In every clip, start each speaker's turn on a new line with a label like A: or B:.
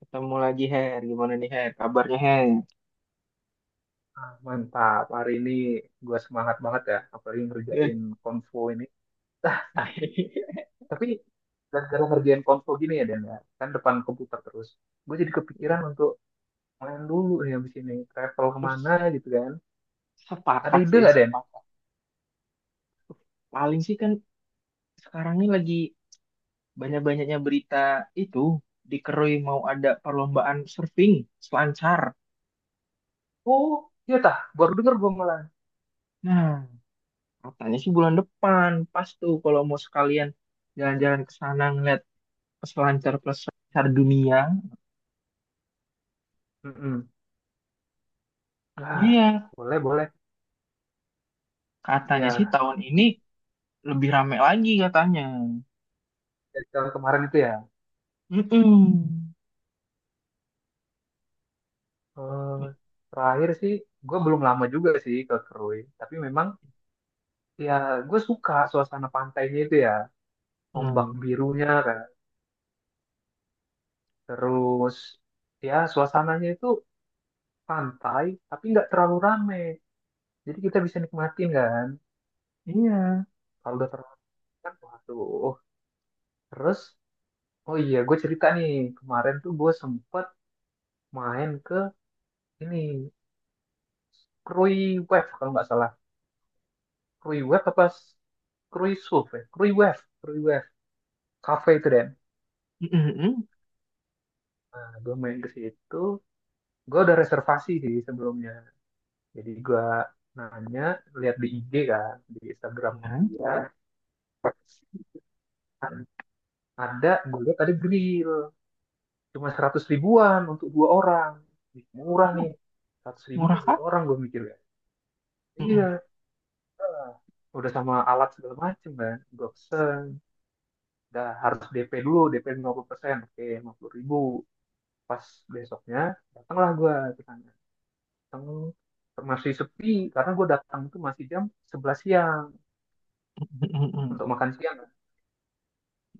A: Ketemu lagi, Her. Gimana nih, Her? Kabarnya, Her?
B: Mantap, hari ini gue semangat banget ya, apalagi ngerjain
A: Good.
B: konvo ini. Ah, tapi gara-gara ngerjain konvo gini ya, Dan ya, kan depan komputer terus. Gue jadi kepikiran untuk main dulu ya abis ini, travel
A: Terus,
B: kemana gitu kan. Ada
A: sepakat
B: ide
A: sih,
B: nggak, Den?
A: sepakat. Paling sih kan sekarang ini lagi banyak-banyaknya berita itu. Dikerui mau ada perlombaan surfing, selancar.
B: Oh, iya tah, baru denger gue malah.
A: Nah, katanya sih bulan depan. Pas tuh kalau mau sekalian jalan-jalan ke sana ngeliat peselancar peselancar dunia.
B: Mm-mm. Ah,
A: Iya,
B: boleh, boleh.
A: katanya sih
B: Ya,
A: tahun ini lebih rame lagi katanya.
B: dari tahun kemarin itu ya.
A: Mm-mm.
B: Eh, terakhir sih, gue belum lama juga sih ke Krui. Tapi memang, ya gue suka suasana pantainya itu ya, ombak
A: Mm.
B: birunya kan. Terus ya suasananya itu pantai tapi nggak terlalu rame. Jadi kita bisa nikmatin kan.
A: Iya.
B: Kalau udah terlalu rame kan, waduh. Terus oh iya gue cerita nih, kemarin tuh gue sempet main ke ini Krui Wave kalau nggak salah. Krui Wave apa? Krui Surf ya? Krui Wave. Krui Wave. Cafe itu Den.
A: Mm-mm, mm.
B: Nah gue main ke situ. Gue udah reservasi sih sebelumnya. Jadi gue nanya, lihat di IG kan, di Instagramnya
A: Ya.
B: dia. Ada, gue lihat ada grill. Cuma 100 ribuan untuk dua orang. Ih, murah
A: Oh,
B: nih. 100.000 dan
A: murah
B: dua
A: kah?
B: orang, gue mikir ya.
A: Mm-mm,
B: Iya, udah sama alat segala macem kan. Gue pesen. Dah harus DP dulu, DP persen, oke, 50.000. Pas besoknya, datanglah gue ke sana. Datang masih sepi karena gue datang itu masih jam 11 siang,
A: mm-mm, mm-mm,
B: untuk makan siang.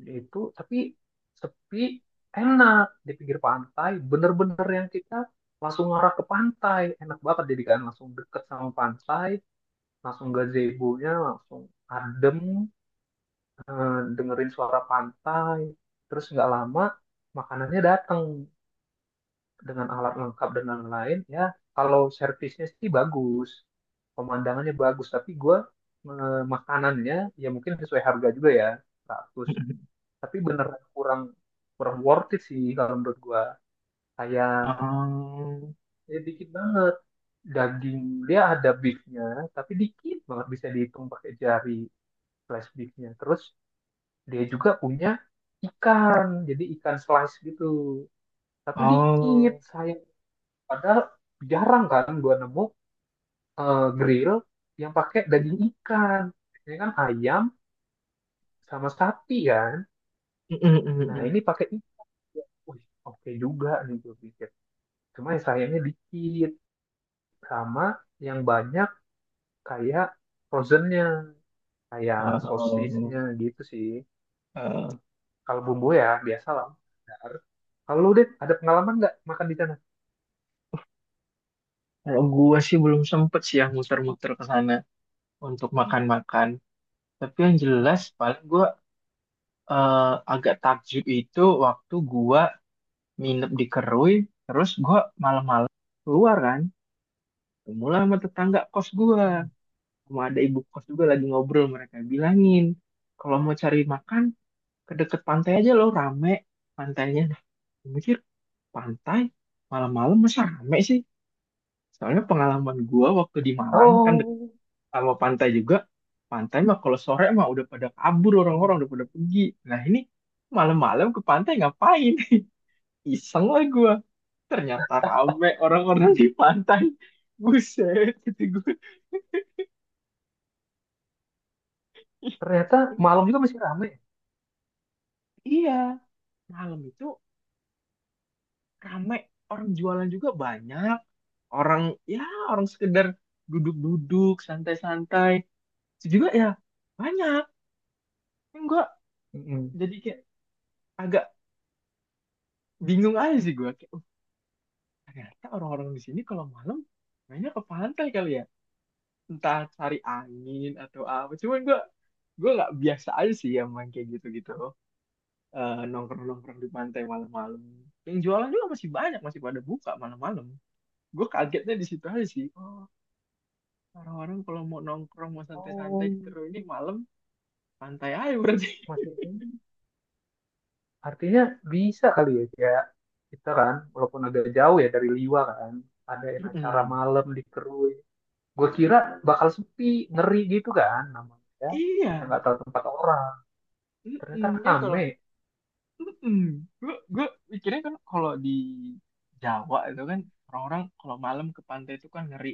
B: Dia itu tapi sepi, enak di pinggir pantai bener-bener, yang kita langsung ngarah ke pantai, enak banget, jadi kan langsung deket sama pantai, langsung gazebo-nya langsung adem. Eh, dengerin suara pantai, terus nggak lama makanannya datang dengan alat lengkap dan lain-lain ya. Kalau servisnya sih bagus, pemandangannya bagus, tapi gue, eh, makanannya ya mungkin sesuai harga juga ya, 100,
A: mm-mm.
B: tapi beneran kurang kurang worth it sih kalau menurut gua. Kayak
A: Um,
B: ya dikit banget daging, dia ada beefnya tapi dikit banget, bisa dihitung pakai jari, slice beefnya. Terus dia juga punya ikan, jadi ikan slice gitu tapi dikit,
A: oh.
B: sayang. Padahal jarang kan gua nemu, eh, grill yang pakai daging ikan, biasanya kan ayam sama sapi kan.
A: Mm-mm,
B: Nah
A: mm-mm.
B: ini pakai ikan, wih, oke juga nih gue pikir. Cuma sayangnya dikit. Sama yang banyak kayak frozennya, kayak sosisnya
A: Oh,
B: gitu sih.
A: eh,
B: Kalau bumbu ya biasa lah. Dar. Kalau lu deh, ada pengalaman nggak makan di sana?
A: kalau gua sih belum sempet sih ya muter-muter ke sana untuk makan-makan. Tapi yang jelas paling gua eh, agak takjub itu waktu gua nginep di Kerui, terus gua malam-malam keluar kan, mula sama tetangga kos gua,
B: Mm-mm.
A: sama ada ibu kos juga lagi ngobrol, mereka bilangin kalau mau cari makan ke deket pantai aja, loh rame pantainya. Nah, gue mikir, pantai malam-malam masa rame sih? Soalnya pengalaman gua waktu di Malang kan deket
B: Oh,
A: sama pantai juga, pantai mah kalau sore mah udah pada kabur, orang-orang udah pada pergi. Nah, ini malam-malam ke pantai ngapain? Iseng lah gua, ternyata rame orang-orang di
B: mm-mm,
A: pantai, buset gitu gue.
B: ternyata malam juga masih ramai.
A: Iya, malam itu rame, orang jualan juga banyak, orang, ya, orang sekedar duduk-duduk santai-santai itu juga ya banyak. Yang gue
B: Mm-mm.
A: jadi kayak agak bingung aja sih gue, kayak, "Oh, ternyata orang-orang di sini kalau malam mainnya ke pantai kali ya, entah cari angin atau apa." Cuman gue nggak biasa aja sih yang main kayak gitu-gitu, eh, nongkrong-nongkrong di pantai malam-malam. Yang jualan juga masih banyak, masih pada buka malam-malam. Gue kagetnya di situ aja sih. Oh, orang-orang kalau mau nongkrong, mau santai-santai
B: Oh,
A: di, terus ini malam, pantai aja berarti.
B: masih artinya bisa kali ya, kayak kita kan walaupun agak jauh ya dari Liwa kan, adain acara
A: Mm-mm.
B: malam di Kerui. Gue kira bakal sepi, ngeri gitu kan namanya, kita
A: Iya.
B: nggak tahu tempat orang. Ternyata
A: Mm-mm. Kan kalau
B: rame.
A: mm. Gue pikirnya kan kalau di Jawa itu kan orang-orang kalau malam ke pantai itu kan ngeri,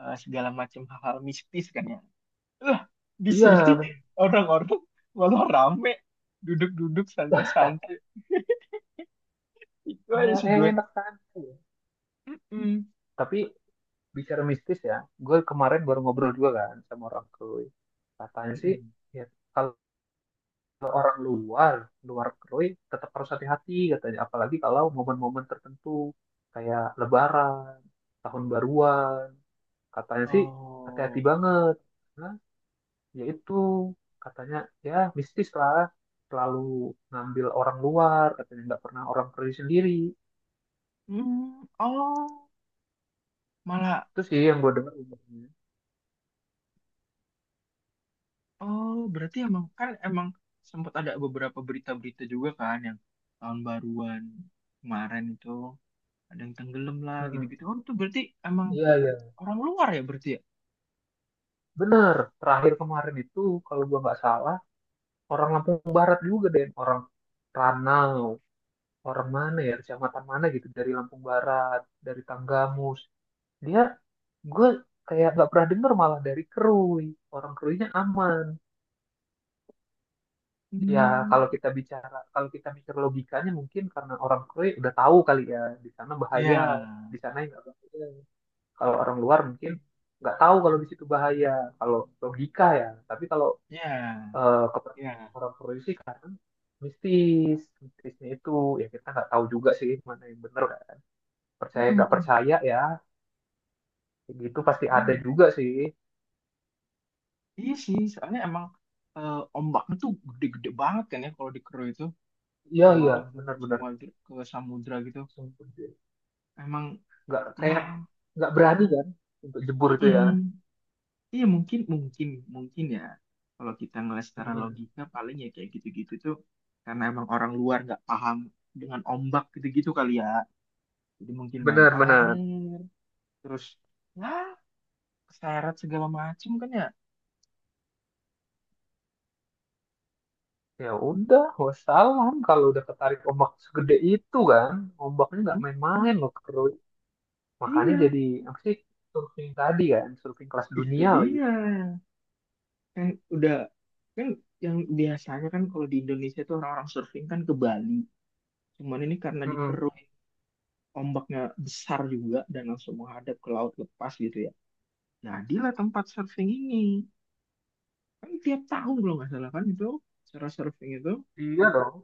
A: eh, segala macam hal-hal mistis kan ya. Lah, di
B: Iya
A: sini
B: bener.
A: orang-orang malah rame duduk-duduk santai-santai. Itu aja
B: Malah
A: sih gue.
B: enak kan.
A: Mm-mm.
B: Tapi bicara mistis ya, gue kemarin baru ngobrol juga kan sama orang Krui, katanya sih,
A: Mm-mm.
B: ya kalau orang luar, luar Krui, tetap harus hati-hati katanya, apalagi kalau momen-momen tertentu kayak Lebaran, tahun baruan, katanya sih hati-hati
A: Oh.
B: banget, karena yaitu katanya ya mistis lah, selalu ngambil orang luar, katanya nggak pernah orang pergi sendiri.
A: Mm, oh, malah.
B: Itu sih yang gue dengar umumnya.
A: Oh, berarti emang, kan, emang sempat ada beberapa berita-berita juga kan yang tahun baruan kemarin itu ada yang tenggelam lah
B: Mm-mm.
A: gitu-gitu. Oh, itu berarti emang
B: Iya, iya.
A: orang luar ya berarti ya?
B: Bener. Terakhir kemarin itu, kalau gue nggak salah, orang Lampung Barat juga deh. Orang Ranau. Orang mana ya, kecamatan mana gitu. Dari Lampung Barat, dari Tanggamus. Dia, gue kayak nggak pernah denger malah dari Kerui. Orang Keruinya aman. Ya,
A: Hmm,
B: kalau kita bicara, kalau kita mikir logikanya, mungkin karena orang Korea udah tahu kali ya, di sana bahaya,
A: ya,
B: di sana yang nggak bahaya. Kalau orang luar mungkin nggak tahu kalau di situ bahaya, kalau logika ya. Tapi kalau,
A: ya,
B: eh, kepercayaan
A: ya.
B: orang Korea sih, karena mistis, mistisnya itu ya kita nggak tahu juga sih mana yang benar, kan. Percaya
A: Mm,
B: nggak
A: mm,
B: percaya ya, kayak gitu pasti ada
A: iya,
B: juga sih.
A: iya sih. Soalnya emang eh, ombaknya tuh gede-gede banget kan ya kalau di Kero itu,
B: Iya
A: emang
B: iya,
A: langsung ke
B: benar-benar.
A: semua, ke samudra gitu.
B: Sumpah deh.
A: Emang
B: Nggak
A: ya,
B: kayak, nggak berani kan untuk jebur itu
A: mm-mm.
B: ya.
A: Iya mungkin mungkin mungkin ya, kalau kita ngeliat secara
B: Mm-mm.
A: logika paling ya kayak gitu-gitu tuh karena emang orang luar nggak paham dengan ombak gitu-gitu kali ya, jadi mungkin main
B: Benar-benar.
A: air terus ya keseret segala macem kan ya.
B: Ya udah, wassalam kalau udah ketarik ombak segede itu kan, ombaknya nggak
A: Hmm,
B: main-main loh keruy. Makanya
A: iya.
B: jadi apa sih, surfing tadi kan, surfing kelas
A: Itu
B: dunia lagi.
A: dia kan, udah kan, yang biasanya kan kalau di Indonesia tuh orang-orang surfing kan ke Bali, cuman ini karena
B: Mm-mm.
A: dikeruk ombaknya besar juga dan langsung menghadap ke laut lepas gitu ya, jadilah tempat surfing ini. Kan tiap tahun kalau nggak salah kan itu acara surfing itu.
B: Iya dong,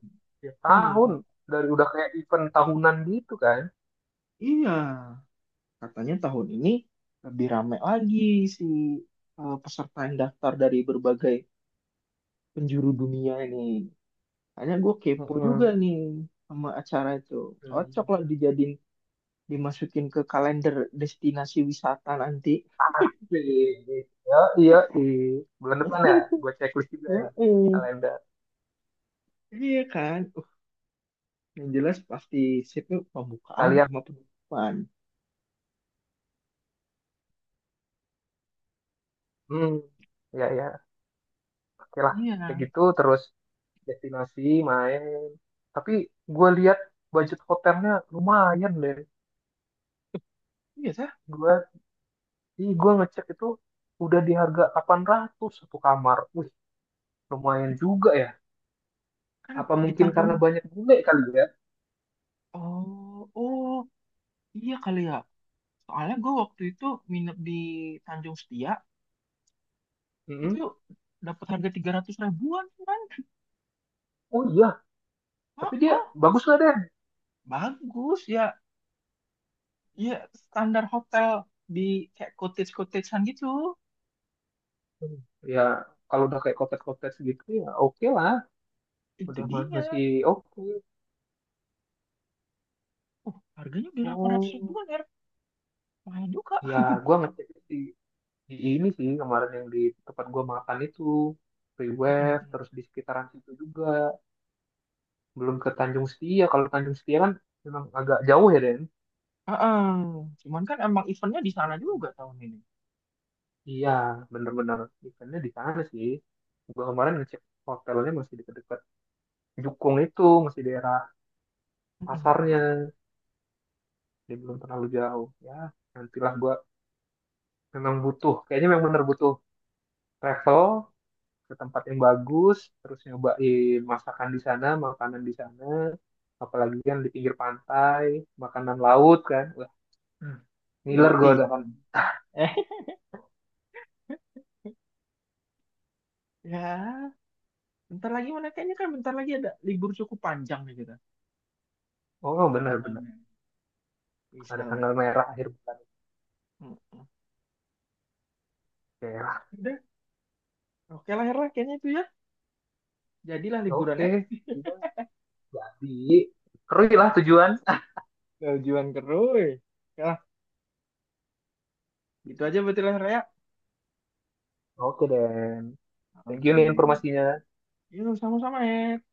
B: ya
A: Hmm,
B: tahun, dari udah kayak event tahunan gitu kan.
A: iya, katanya tahun ini lebih ramai lagi si eh, peserta yang daftar dari berbagai penjuru dunia ini. Hanya gue kepo juga
B: Mm-mm.
A: nih sama acara itu. Cocok
B: Hmm.
A: lah dijadiin, dimasukin ke kalender destinasi wisata nanti.
B: Iya, iya, di bulan depan ya, gue checklist juga
A: Ya,
B: ini
A: eh.
B: kalender
A: Iya kan? Yang jelas pasti sipnya pembukaan
B: kalian.
A: sama penutupan.
B: Hmm, ya ya. Oke lah, kayak
A: Iya,
B: gitu, terus destinasi main, tapi gue lihat budget hotelnya lumayan deh.
A: iya sah.
B: Gue ih gue ngecek itu udah di harga 800 satu kamar, wih lumayan juga ya,
A: Kan
B: apa
A: di
B: mungkin
A: Tanjung,
B: karena banyak bule kali ya.
A: oh, oh, iya kali ya. Soalnya gue waktu itu nginep di Tanjung Setia, itu
B: Mm-mm.
A: dapat harga 300 ribuan kan.
B: Oh iya,
A: Oh,
B: tapi dia
A: oh,
B: bagus lah deh.
A: bagus ya. Ya, standar hotel di kayak cottage-cottagean gitu.
B: Hmm. Ya kalau udah kayak cottage-cottage gitu ya oke lah.
A: Itu
B: Udah masih
A: dia.
B: oke.
A: Oh, harganya di ratus
B: Oh
A: ribuan ya. Mahal juga.
B: ya, gue ngecek sih di ini sih, kemarin yang di tempat gua makan itu, free wave,
A: Mm-mm.
B: terus di sekitaran situ juga belum ke Tanjung Setia. Kalau Tanjung Setia kan memang agak jauh ya Den.
A: Heeh. Cuman kan emang eventnya di sana juga tahun ini.
B: Iya, bener-bener, ikannya di sana sih. Gua kemarin ngecek hotelnya masih dekat-dekat Jukung, itu masih daerah
A: Mm-mm.
B: pasarnya, jadi belum terlalu jauh ya. Nantilah gua memang butuh, kayaknya memang bener butuh travel ke tempat yang bagus, terus nyobain masakan di sana, makanan di sana, apalagi kan di pinggir pantai, makanan laut kan, wah,
A: Hmm.
B: ngiler gue
A: Yoi.
B: udah kan.
A: Eh, ya. Bentar lagi mana kayaknya kan bentar lagi ada libur cukup panjang nih kita
B: Oh
A: pada
B: benar-benar,
A: tanggalnya. Bisa
B: ada
A: lah.
B: tanggal merah akhir bulan.
A: Mm-mm.
B: Oke, lah.
A: Udah, oke lah Her lah kayaknya itu ya. Jadilah liburannya.
B: Oke, jadi Kerui lah
A: Oke,
B: tujuan.
A: tujuan keruy. Oke lah, gitu aja berarti lah Her ya.
B: Oke dan thank you
A: Oke,
B: nih informasinya.
A: yuk sama-sama ya.